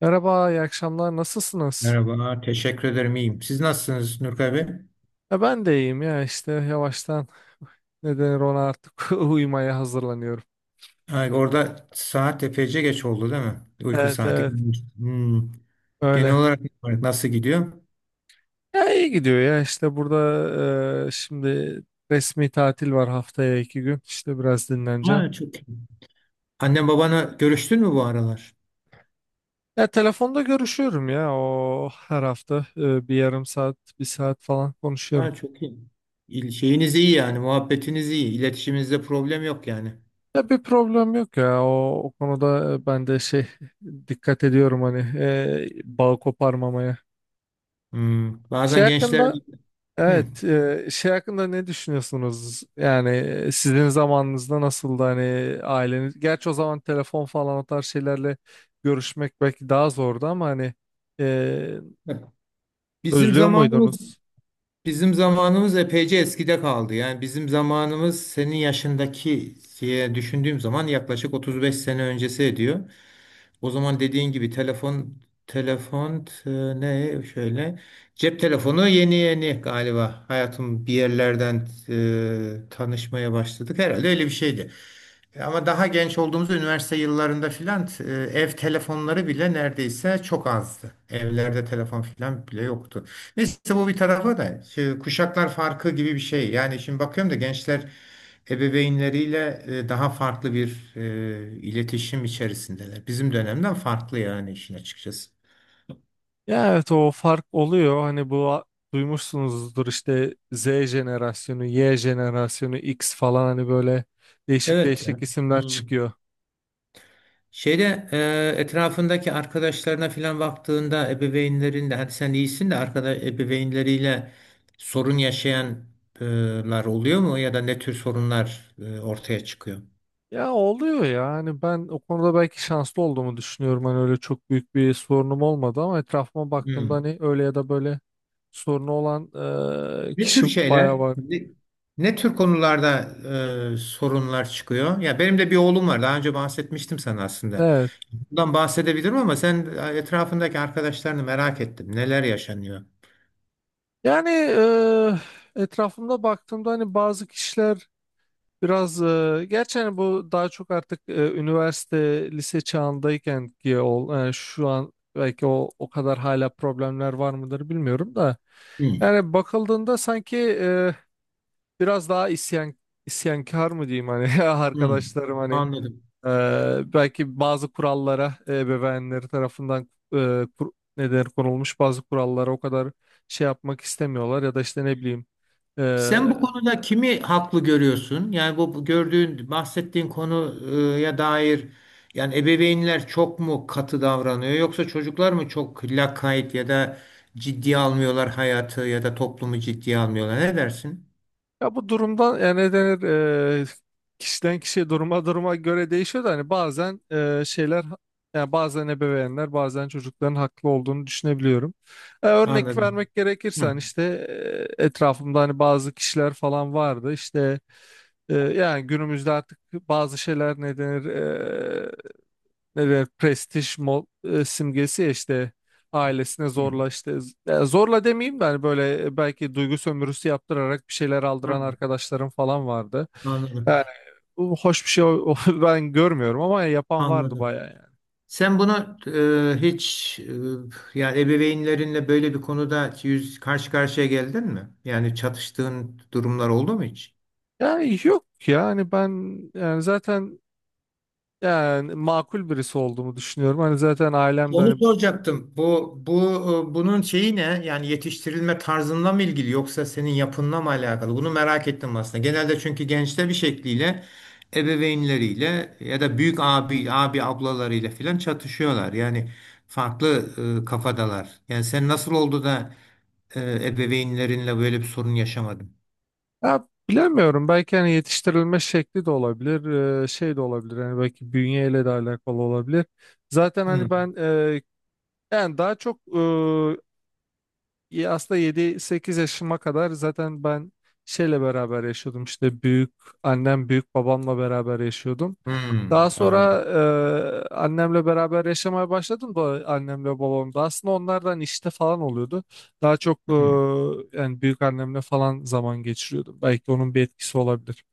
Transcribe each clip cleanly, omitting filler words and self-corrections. Merhaba, iyi akşamlar. Nasılsınız? Merhaba, teşekkür ederim. İyiyim. Siz nasılsınız Nurkay Bey? Ya ben de iyiyim ya işte yavaştan ne denir ona artık uyumaya hazırlanıyorum. Ha, orada saat epeyce geç oldu değil mi? Uyku Evet, saati. evet, Hmm. Genel öyle. olarak nasıl gidiyor? Ya iyi gidiyor ya işte burada şimdi resmi tatil var haftaya iki gün işte biraz dinleneceğim. Ha, çok iyi. Annem babana görüştün mü bu aralar? Ya telefonda görüşüyorum ya o her hafta bir yarım saat bir saat falan konuşuyorum. Ha, çok iyi. Şeyiniz iyi yani, muhabbetiniz iyi. İletişiminizde problem yok yani. Ya bir problem yok ya o, o konuda ben de şey dikkat ediyorum hani bağ koparmamaya. Hmm. Şey Bazen gençler. hakkında Hmm. evet, şey hakkında ne düşünüyorsunuz? Yani sizin zamanınızda nasıldı hani aileniz? Gerçi o zaman telefon falan o tarz şeylerle görüşmek belki daha zordu ama hani e, Bak, Bizim özlüyor zamanımız muydunuz? bizim zamanımız epeyce eskide kaldı. Yani bizim zamanımız senin yaşındaki diye düşündüğüm zaman yaklaşık 35 sene öncesi ediyor. O zaman dediğin gibi telefon e, ne şöyle cep telefonu yeni yeni galiba hayatım bir yerlerden tanışmaya başladık. Herhalde öyle bir şeydi. Ama daha genç olduğumuz üniversite yıllarında filan, ev telefonları bile neredeyse çok azdı. Evlerde telefon filan bile yoktu. Neyse bu bir tarafa da şey, kuşaklar farkı gibi bir şey. Yani şimdi bakıyorum da gençler ebeveynleriyle daha farklı bir iletişim içerisindeler. Bizim dönemden farklı yani işin açıkçası. Ya evet, o fark oluyor. Hani bu duymuşsunuzdur işte Z jenerasyonu, Y jenerasyonu, X falan hani böyle değişik Evet. Ya. değişik isimler Hmm. çıkıyor. Şeyde etrafındaki arkadaşlarına filan baktığında ebeveynlerinde hadi sen iyisin de arkadaş ebeveynleriyle sorun yaşayanlar oluyor mu ya da ne tür sorunlar ortaya çıkıyor? Ya oluyor ya hani ben o konuda belki şanslı olduğumu düşünüyorum, hani öyle çok büyük bir sorunum olmadı ama etrafıma baktığımda Hmm. hani öyle ya da böyle sorunu olan Ne tür kişi bayağı şeyler, var. ne, ne tür konularda sorunlar çıkıyor? Ya benim de bir oğlum var. Daha önce bahsetmiştim sana aslında. Evet, Bundan bahsedebilirim ama sen etrafındaki arkadaşlarını merak ettim. Neler yaşanıyor? yani etrafımda baktığımda hani bazı kişiler biraz gerçi hani bu daha çok artık üniversite lise çağındayken ki ol, yani şu an belki o kadar hala problemler var mıdır bilmiyorum da Hmm. yani bakıldığında sanki biraz daha isyankar mı diyeyim hani Hmm. arkadaşlarım hani Anladım. Belki bazı kurallara ebeveynleri tarafından ne denir, konulmuş bazı kurallara o kadar şey yapmak istemiyorlar ya da işte ne bileyim. Sen bu konuda kimi haklı görüyorsun? Yani bu gördüğün, bahsettiğin konuya dair yani ebeveynler çok mu katı davranıyor yoksa çocuklar mı çok lakayt ya da ciddiye almıyorlar hayatı ya da toplumu ciddiye almıyorlar? Ne dersin? Ya bu durumdan yani ne denir eee, kişiden kişiye duruma göre değişiyor da hani bazen şeyler, yani bazen ebeveynler, bazen çocukların haklı olduğunu düşünebiliyorum. E, örnek Anladım. vermek gerekirse Hı. hani işte etrafımda hani bazı kişiler falan vardı işte. Yani günümüzde artık bazı şeyler ne denir, ne demek, simgesi, ya işte ailesine Hı. zorla, işte zorla demeyeyim de hani böyle belki duygu sömürüsü yaptırarak bir şeyler Hı. aldıran arkadaşlarım falan vardı. Anladım. Yani bu hoş bir şey ben görmüyorum ama yapan vardı Anladım. bayağı yani. Sen bunu e, hiç yani ebeveynlerinle böyle bir konuda karşı karşıya geldin mi? Yani çatıştığın durumlar oldu mu hiç? Yani yok, yani ben, yani zaten yani makul birisi olduğumu düşünüyorum. Hani zaten ailem de Onu hani. soracaktım. Bunun şeyi ne? Yani yetiştirilme tarzınla mı ilgili yoksa senin yapınla mı alakalı? Bunu merak ettim aslında. Genelde çünkü gençler bir şekliyle ebeveynleriyle ya da büyük abi ablalarıyla filan çatışıyorlar. Yani farklı kafadalar. Yani sen nasıl oldu da e, ebeveynlerinle böyle bir sorun yaşamadın? Ya bilemiyorum. Belki hani yetiştirilme şekli de olabilir, şey de olabilir. Hani belki bünyeyle de alakalı olabilir. Zaten hani Hmm, ben, yani daha çok, ya aslında yedi sekiz yaşıma kadar zaten ben şeyle beraber yaşıyordum, işte büyük annem büyük babamla beraber yaşıyordum. Daha hmm, anladım. sonra annemle beraber yaşamaya başladım da annemle babam da aslında onlardan işte falan oluyordu. Daha çok yani büyük annemle falan zaman geçiriyordum. Belki onun bir etkisi olabilir.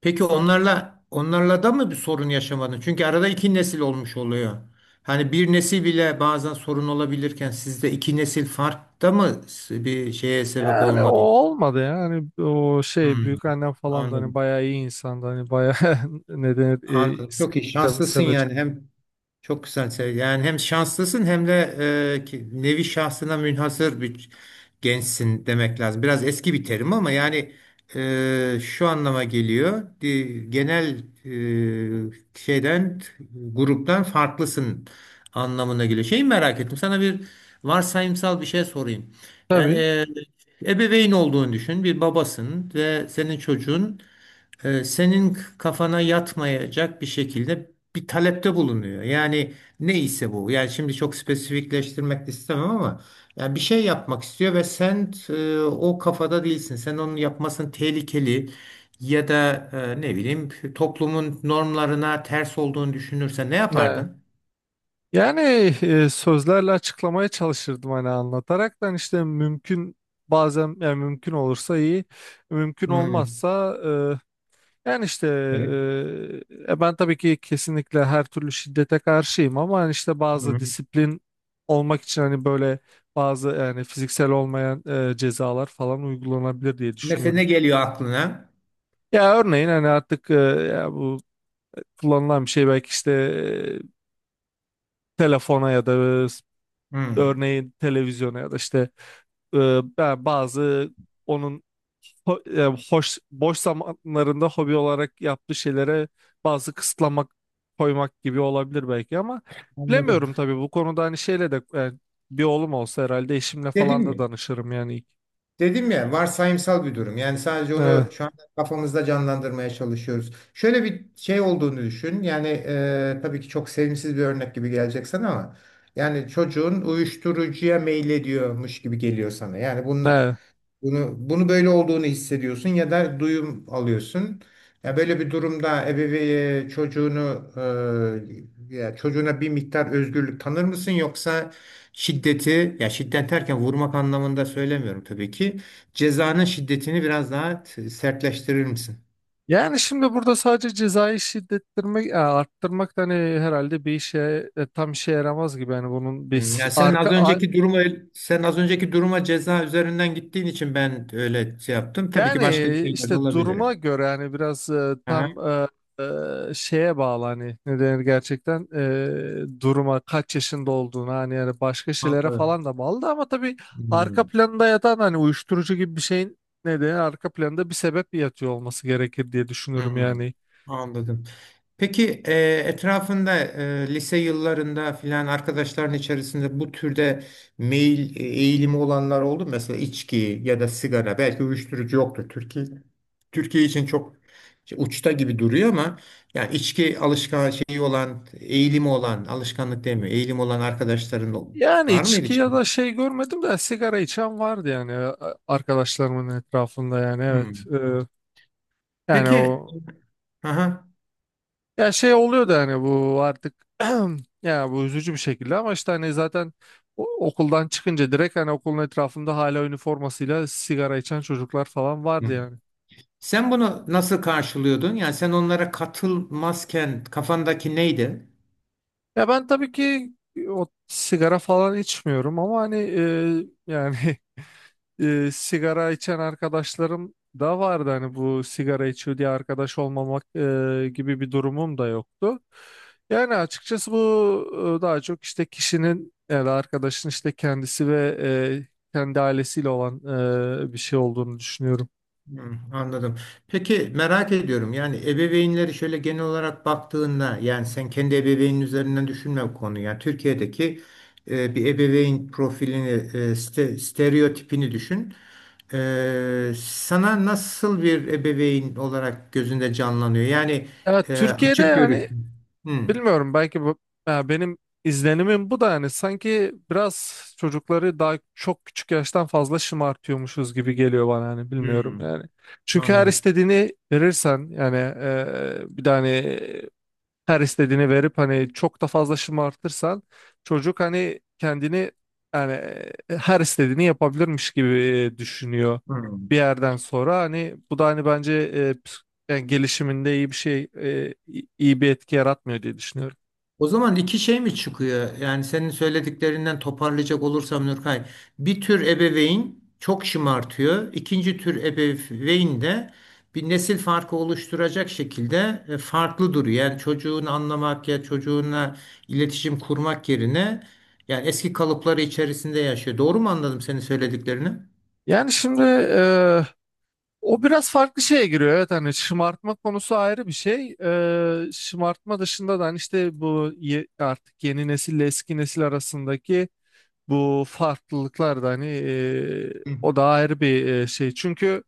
Peki onlarla da mı bir sorun yaşamadın? Çünkü arada iki nesil olmuş oluyor. Hani bir nesil bile bazen sorun olabilirken sizde iki nesil fark da mı bir şeye sebep Yani o olmadı? olmadı ya. Hani o şey, Hmm, büyük annem falan da hani anladım. bayağı iyi insandı. Hani bayağı ne denir, Anladım. Çok iyi. Şanslısın sevecek. yani. Çok güzel. Yani hem şanslısın hem de nevi şahsına münhasır bir gençsin demek lazım. Biraz eski bir terim ama yani şu anlama geliyor. Genel e, şeyden, gruptan farklısın anlamına geliyor. Şeyi merak ettim. Sana bir varsayımsal bir şey sorayım. Yani Tabii. Ebeveyn olduğunu düşün. Bir babasın ve senin çocuğun senin kafana yatmayacak bir şekilde bir talepte bulunuyor. Yani neyse bu. Yani şimdi çok spesifikleştirmek de istemem ama yani bir şey yapmak istiyor ve sen o kafada değilsin. Sen onun yapmasının tehlikeli ya da ne bileyim toplumun normlarına ters olduğunu düşünürsen ne Ne? yapardın? Yani sözlerle açıklamaya çalışırdım hani anlataraktan işte mümkün, bazen yani mümkün olursa iyi, mümkün Hmm. olmazsa yani işte Evet. Ben tabii ki kesinlikle her türlü şiddete karşıyım ama hani işte bazı Hmm. disiplin olmak için hani böyle bazı yani fiziksel olmayan cezalar falan uygulanabilir diye Mesela düşünüyorum. ne geliyor aklına? Ya örneğin hani artık ya bu kullanılan bir şey belki, işte telefona ya da e, Hmm, örneğin televizyona ya da işte e, ben bazı onun ho- e, hoş boş zamanlarında hobi olarak yaptığı şeylere bazı kısıtlamak koymak gibi olabilir belki, ama anladım. bilemiyorum tabii bu konuda hani şeyle de, yani bir oğlum olsa herhalde eşimle Dedim falan da mi? danışırım yani. Dedim ya, varsayımsal bir durum. Yani sadece Evet, onu şu an kafamızda canlandırmaya çalışıyoruz. Şöyle bir şey olduğunu düşün. Yani tabii ki çok sevimsiz bir örnek gibi gelecek sana ama yani çocuğun uyuşturucuya meylediyormuş gibi geliyor sana. Yani evet. Bunu böyle olduğunu hissediyorsun ya da duyum alıyorsun. Ya böyle bir durumda ebeveyn çocuğunu e, ya çocuğuna bir miktar özgürlük tanır mısın yoksa şiddet derken vurmak anlamında söylemiyorum tabii ki. Cezanın şiddetini biraz daha sertleştirir misin? Yani şimdi burada sadece cezayı şiddettirmek, arttırmak da hani herhalde bir işe tam işe yaramaz gibi. Yani bunun bir Hmm. Ya arka sen az önceki duruma ceza üzerinden gittiğin için ben öyle şey yaptım. Tabii ki yani başka şeyler de işte olabilir. duruma göre hani biraz tam Aha, şeye bağlı hani ne denir gerçekten duruma, kaç yaşında olduğuna, hani yani başka şeylere anladım. falan da bağlı da, ama tabii arka Hmm. planında yatan hani uyuşturucu gibi bir şeyin ne denir arka planında bir sebep yatıyor olması gerekir diye düşünüyorum Hmm, yani. anladım. Peki etrafında lise yıllarında filan arkadaşların içerisinde bu türde meyil eğilimi olanlar oldu mu? Mesela içki ya da sigara belki uyuşturucu yoktur Türkiye. Türkiye için çok uçta gibi duruyor ama yani içki alışkan şeyi olan eğilimi olan alışkanlık demiyor eğilim olan arkadaşların Yani var içki mıydı ya şimdi? da şey görmedim de sigara içen vardı yani arkadaşlarımın etrafında, yani evet. Hmm. E, yani Peki. o, Aha. ya şey oluyor da hani bu artık ya bu üzücü bir şekilde ama işte hani zaten okuldan çıkınca direkt hani okulun etrafında hala üniformasıyla sigara içen çocuklar falan vardı yani. Sen bunu nasıl karşılıyordun? Yani sen onlara katılmazken kafandaki neydi? Ya ben tabii ki o sigara falan içmiyorum ama hani yani sigara içen arkadaşlarım da vardı. Hani bu sigara içiyor diye arkadaş olmamak gibi bir durumum da yoktu. Yani açıkçası bu daha çok işte kişinin ya da arkadaşın işte kendisi ve e, kendi ailesiyle olan bir şey olduğunu düşünüyorum. Hmm, anladım. Peki merak ediyorum. Yani ebeveynleri şöyle genel olarak baktığında yani sen kendi ebeveynin üzerinden düşünme bu konuyu. Yani Türkiye'deki bir ebeveyn profilini, stereotipini düşün. Sana nasıl bir ebeveyn olarak gözünde canlanıyor? Yani Evet, e, Türkiye'de açık görüşlü. yani Hmm, bilmiyorum, belki bu, ya benim izlenimim bu da, yani sanki biraz çocukları daha çok küçük yaştan fazla şımartıyormuşuz gibi geliyor bana, hani bilmiyorum hmm, yani. Çünkü her anladım. istediğini verirsen, yani bir tane her istediğini verip hani çok da fazla şımartırsan çocuk hani kendini, yani her istediğini yapabilirmiş gibi düşünüyor bir Hmm. yerden sonra, hani bu da hani bence yani gelişiminde iyi bir şey iyi bir etki yaratmıyor diye düşünüyorum. O zaman iki şey mi çıkıyor? Yani senin söylediklerinden toparlayacak olursam Nurkay, bir tür ebeveyn çok şımartıyor. İkinci tür ebeveyn de bir nesil farkı oluşturacak şekilde farklı duruyor. Yani çocuğunu anlamak ya çocuğunla iletişim kurmak yerine yani eski kalıpları içerisinde yaşıyor. Doğru mu anladım senin söylediklerini? Yani şimdi o biraz farklı şeye giriyor. Evet hani şımartma konusu ayrı bir şey. E, şımartma dışında da hani işte bu artık yeni nesille eski nesil arasındaki bu farklılıklar da hani Hı, o da ayrı bir şey. Çünkü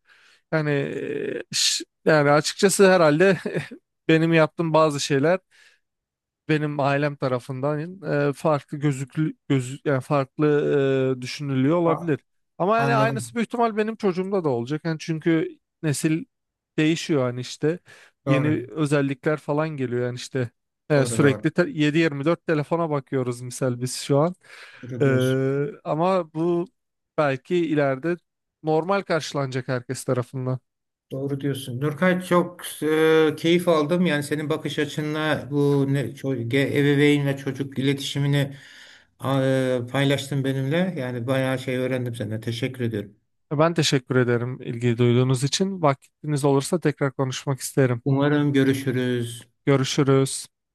yani yani açıkçası herhalde benim yaptığım bazı şeyler benim ailem tarafından farklı gözü, yani farklı düşünülüyor a- olabilir. Ama yani aynısı anladım. büyük ihtimal benim çocuğumda da olacak. Yani çünkü nesil değişiyor hani işte Doğru. yeni özellikler falan geliyor yani işte Doğru doğru. sürekli 7-24 telefona bakıyoruz misal biz şu an. Doğru E, diyorsun. ama bu belki ileride normal karşılanacak herkes tarafından. Doğru diyorsun. Nurkay, çok keyif aldım. Yani senin bakış açınla bu ne, ço- ge- ebeveyn ve çocuk iletişimini paylaştın benimle. Yani bayağı şey öğrendim senden. Teşekkür ediyorum. Ben teşekkür ederim ilgi duyduğunuz için. Vaktiniz olursa tekrar konuşmak isterim. Umarım görüşürüz. Görüşürüz.